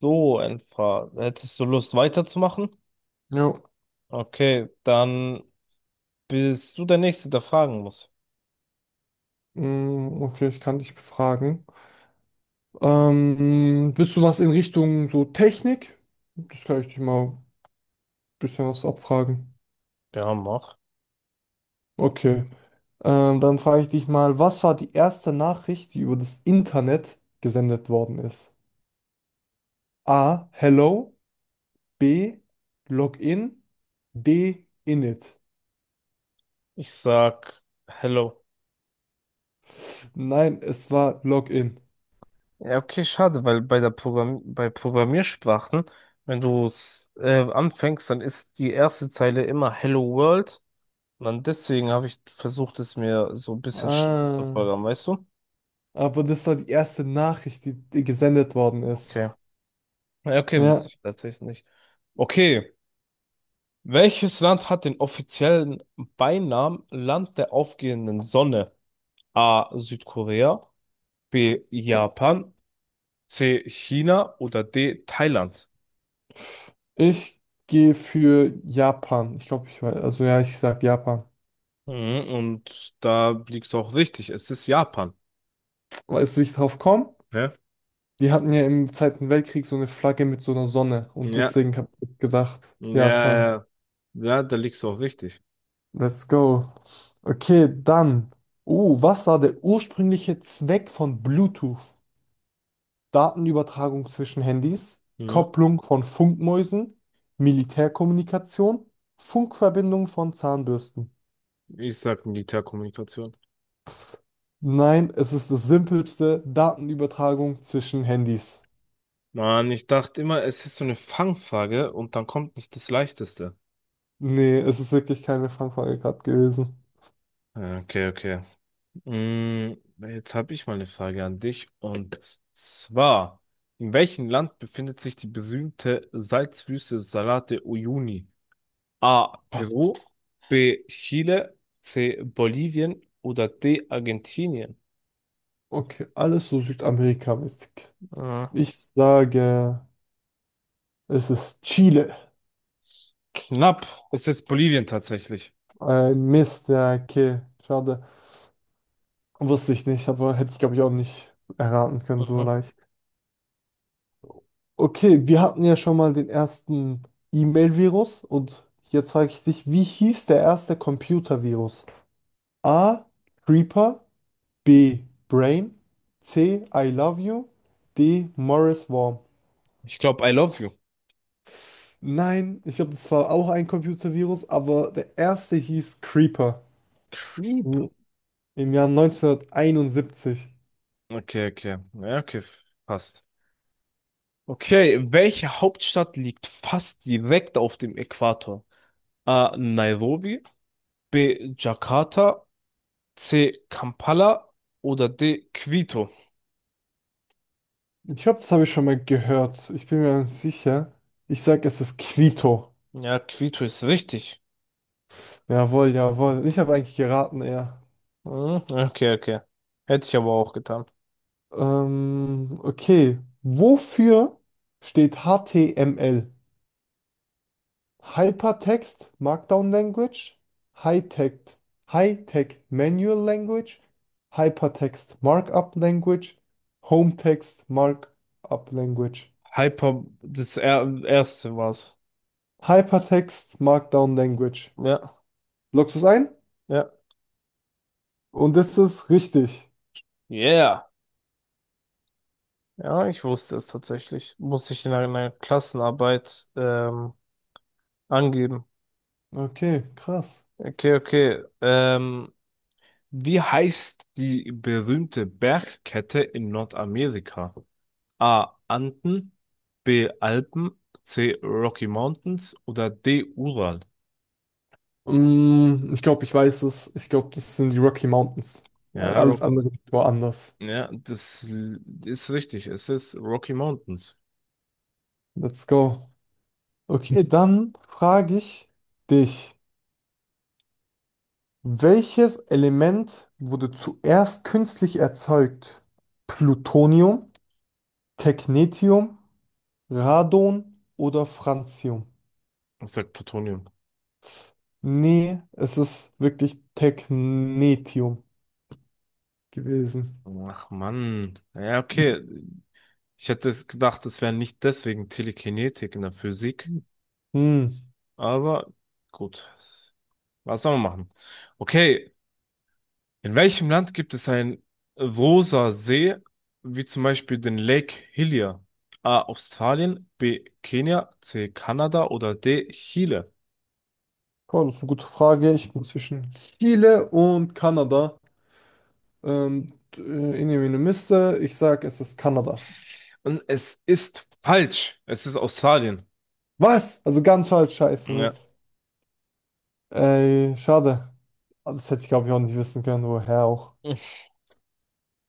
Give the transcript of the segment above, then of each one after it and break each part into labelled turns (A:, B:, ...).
A: So, ein paar. Hättest du Lust weiterzumachen?
B: Ja,
A: Okay, dann bist du der Nächste, der fragen muss.
B: okay, ich kann dich befragen. Willst du was in Richtung so Technik? Das kann ich dich mal ein bisschen was abfragen.
A: Ja, mach.
B: Okay, dann frage ich dich mal, was war die erste Nachricht, die über das Internet gesendet worden ist? A. Hello. B. Login. D. Init.
A: Ich sag Hello.
B: Nein, es war Login.
A: Ja, okay, schade, weil bei der Programm bei Programmiersprachen, wenn du es anfängst, dann ist die erste Zeile immer Hello World. Und dann deswegen habe ich versucht, es mir so ein bisschen schlecht zu
B: Ah,
A: programmieren, weißt du?
B: aber das war die erste Nachricht, die gesendet worden ist.
A: Okay. Ja, okay, wusste
B: Ja,
A: ich tatsächlich nicht. Okay. Welches Land hat den offiziellen Beinamen Land der aufgehenden Sonne? A. Südkorea, B. Japan, C. China oder D. Thailand?
B: ich gehe für Japan. Ich glaube, ich weiß, also ja, ich sag Japan.
A: Mhm, und da liegst du auch richtig. Es ist Japan.
B: Weißt du, wie ich drauf komme?
A: Ne?
B: Die hatten ja im Zweiten Weltkrieg so eine Flagge mit so einer Sonne und
A: Ja,
B: deswegen habe ich gedacht,
A: ja,
B: Japan,
A: ja, ja, da liegst du auch richtig.
B: let's go. Okay, dann. Oh, was war der ursprüngliche Zweck von Bluetooth? Datenübertragung zwischen Handys,
A: Mhm.
B: Kopplung von Funkmäusen, Militärkommunikation, Funkverbindung von Zahnbürsten.
A: Ich sag Militärkommunikation.
B: Nein, es ist das simpelste Datenübertragung zwischen Handys.
A: Mann, ich dachte immer, es ist so eine Fangfrage und dann kommt nicht das Leichteste.
B: Nee, es ist wirklich keine Fangfrage gewesen.
A: Ja, okay, okay. Mm, jetzt habe ich mal eine Frage an dich und zwar, in welchem Land befindet sich die berühmte Salzwüste Salate de Uyuni? A. Peru, B. Chile, C. Bolivien oder D. Argentinien?
B: Okay, alles so südamerikamäßig.
A: Ah,
B: Ich sage, es ist Chile.
A: knapp. Es ist Bolivien tatsächlich.
B: Ein Mist, ja, okay, schade. Wusste ich nicht, aber hätte ich, glaube ich, auch nicht erraten können so
A: Mhm.
B: leicht. Okay, wir hatten ja schon mal den ersten E-Mail-Virus und jetzt frage ich dich, wie hieß der erste Computer-Virus? A. Creeper. B. Brain. C. I Love You. D. Morris Worm.
A: Ich glaube, I love you.
B: Nein, ich glaube, das war auch ein Computervirus, aber der erste hieß Creeper.
A: Creep.
B: Im im Jahr 1971.
A: Okay, okay. Ja, okay, passt. Okay, welche Hauptstadt liegt fast direkt auf dem Äquator? A. Nairobi. B. Jakarta, C. Kampala oder D. Quito.
B: Ich glaube, das habe ich schon mal gehört. Ich bin mir nicht sicher. Ich sage, es ist Quito.
A: Ja, Quito ist richtig.
B: Jawohl, jawohl. Ich habe eigentlich geraten, ja.
A: Hm, okay, okay. Hätte ich aber auch getan.
B: Okay. Wofür steht HTML? Hypertext Markdown Language, High-Text, High-Tech Manual Language, Hypertext Markup Language, Home Text Markup Language,
A: Hyper, das er erste war's.
B: Hypertext Markdown Language.
A: Ja,
B: Loggst du es ein?
A: ja.
B: Und das ist richtig.
A: Yeah. Ja, ich wusste es tatsächlich. Muss ich in einer Klassenarbeit angeben.
B: Okay, krass.
A: Okay, okay. Wie heißt die berühmte Bergkette in Nordamerika? A. Anden, B. Alpen, C. Rocky Mountains oder D. Ural.
B: Ich glaube, ich weiß es. Ich glaube, das sind die Rocky Mountains, weil
A: Ja,
B: alles andere war anders.
A: das ist richtig. Es ist Rocky Mountains.
B: Let's go. Okay, dann frage ich dich. Welches Element wurde zuerst künstlich erzeugt? Plutonium, Technetium, Radon oder Francium?
A: Ich sag Plutonium.
B: Nee, es ist wirklich Technetium gewesen.
A: Ach Mann. Ja, okay. Ich hätte es gedacht, es wäre nicht deswegen Telekinetik in der Physik.
B: Hm.
A: Aber gut. Was soll man machen? Okay, in welchem Land gibt es einen rosa See, wie zum Beispiel den Lake Hillier? A. Australien, B. Kenia, C. Kanada oder D. Chile?
B: Ja, das ist eine gute Frage. Ich bin zwischen Chile und Kanada. In eine Miste. Ich sag, es ist Kanada.
A: Und es ist falsch. Es ist Australien.
B: Was? Also ganz falsch, scheiße,
A: Ja.
B: Mist. Ey, schade. Ah, das hätte ich, glaube ich, auch nicht wissen können, woher auch.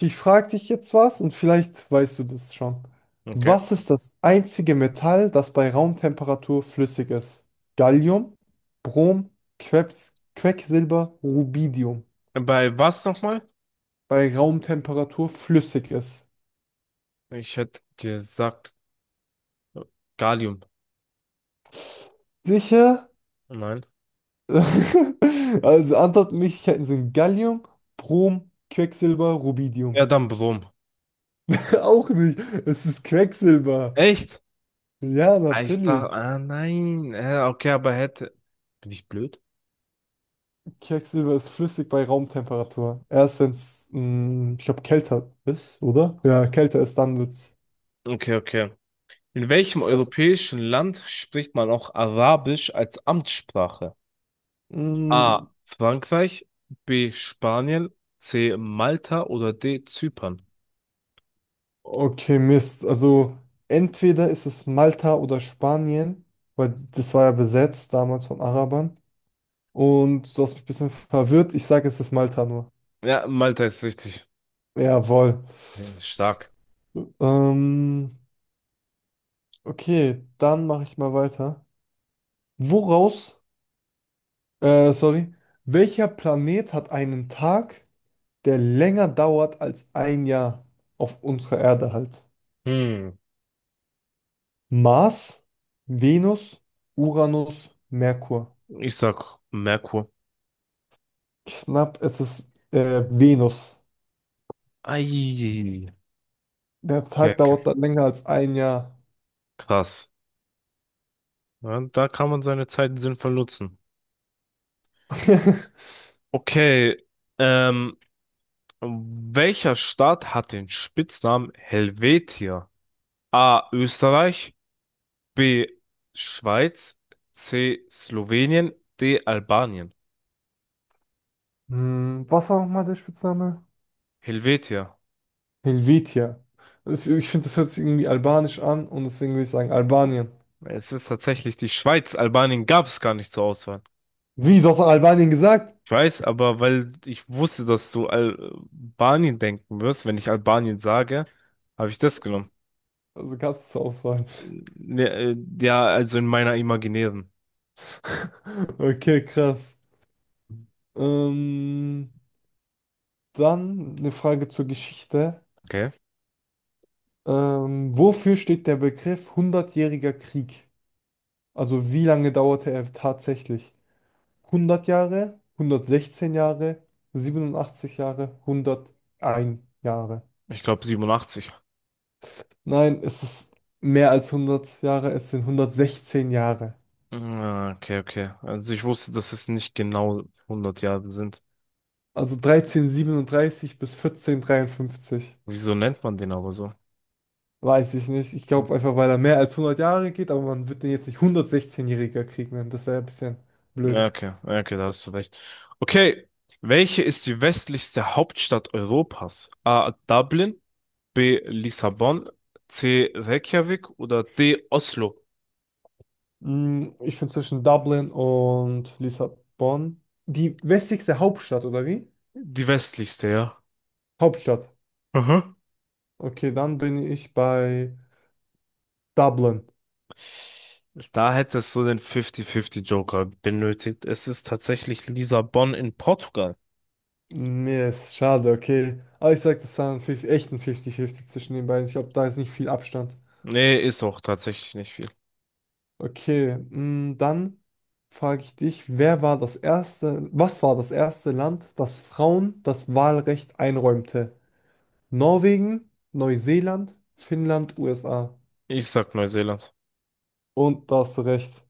B: Ich frage dich jetzt was und vielleicht weißt du das schon.
A: Okay.
B: Was ist das einzige Metall, das bei Raumtemperatur flüssig ist? Gallium, Brom, Quecks, Quecksilber, Rubidium.
A: Bei was nochmal?
B: Bei Raumtemperatur flüssig ist.
A: Ich hätte gesagt Gallium.
B: Sicher?
A: Nein.
B: Also Antwortmöglichkeiten sind Gallium, Brom, Quecksilber, Rubidium.
A: Ja, dann Brom.
B: Auch nicht. Es ist Quecksilber.
A: Echt?
B: Ja,
A: Ah, ich dachte,
B: natürlich.
A: ah nein. Okay, aber hätte. Bin ich blöd?
B: Quecksilber ist flüssig bei Raumtemperatur. Erst wenn es, ich glaube, kälter ist, oder? Ja, kälter ist, dann wird es
A: Okay, okay. In welchem
B: fest.
A: europäischen Land spricht man auch Arabisch als Amtssprache?
B: Mm,
A: A. Frankreich, B. Spanien, C. Malta oder D. Zypern?
B: okay, Mist. Also entweder ist es Malta oder Spanien, weil das war ja besetzt damals von Arabern. Und du hast mich ein bisschen verwirrt. Ich sage, es ist Malta nur.
A: Ja, Malta ist richtig
B: Jawohl.
A: stark.
B: Ähm, okay, dann mache ich mal weiter. Woraus, sorry, welcher Planet hat einen Tag, der länger dauert als ein Jahr auf unserer Erde halt?
A: Hm,
B: Mars, Venus, Uranus, Merkur.
A: ich sag Merkur.
B: Knapp, es ist Venus.
A: Ei,
B: Der
A: okay,
B: Tag
A: okay.
B: dauert dann länger als ein Jahr.
A: Krass. Ja, da kann man seine Zeit sinnvoll nutzen. Okay, ähm, welcher Staat hat den Spitznamen Helvetia? A. Österreich, B. Schweiz. C. Slowenien. D. Albanien.
B: Hm, was war nochmal der Spitzname?
A: Helvetia.
B: Helvetia. Ich finde, das hört sich irgendwie albanisch an und deswegen würde ich sagen Albanien.
A: Es ist tatsächlich die Schweiz. Albanien gab es gar nicht zur Auswahl.
B: Wie, du hast doch Albanien gesagt?
A: Ich weiß, aber weil ich wusste, dass du Albanien denken wirst, wenn ich Albanien sage, habe ich das genommen.
B: Also gab es zur Auswahl.
A: Ne, ja, also in meiner imaginären.
B: Okay, krass. Ähm, Dann eine Frage zur Geschichte.
A: Okay.
B: Wofür steht der Begriff Hundertjähriger Krieg? Also wie lange dauerte er tatsächlich? 100 Jahre, 116 Jahre, 87 Jahre, 101 Jahre.
A: Ich glaube 87.
B: Nein, es ist mehr als 100 Jahre, es sind 116 Jahre.
A: Ah, okay, okay. Also ich wusste, dass es nicht genau 100 Jahre sind.
B: Also 1337 bis 1453.
A: Wieso nennt man den aber so?
B: Weiß ich nicht. Ich glaube einfach, weil er mehr als 100 Jahre geht, aber man wird den jetzt nicht 116-jähriger Krieg nennen. Das wäre ja ein bisschen blöd.
A: Ja, okay, ja, okay, da hast du recht. Okay, welche ist die westlichste Hauptstadt Europas? A. Dublin, B. Lissabon, C. Reykjavik oder D. Oslo?
B: Ich bin zwischen Dublin und Lissabon. Die westlichste Hauptstadt, oder wie?
A: Die westlichste, ja.
B: Hauptstadt.
A: Aha.
B: Okay, dann bin ich bei Dublin.
A: Da hättest du den 50-50 Joker benötigt. Es ist tatsächlich Lissabon in Portugal.
B: Mir ist schade, okay. Aber ich sag, das war ein echt ein 50-50 zwischen den beiden. Ich glaube, da ist nicht viel Abstand.
A: Nee, ist auch tatsächlich nicht viel.
B: Okay, dann frage ich dich, wer war das erste, was war das erste Land, das Frauen das Wahlrecht einräumte? Norwegen, Neuseeland, Finnland, USA.
A: Ich sag Neuseeland.
B: Und da hast du recht.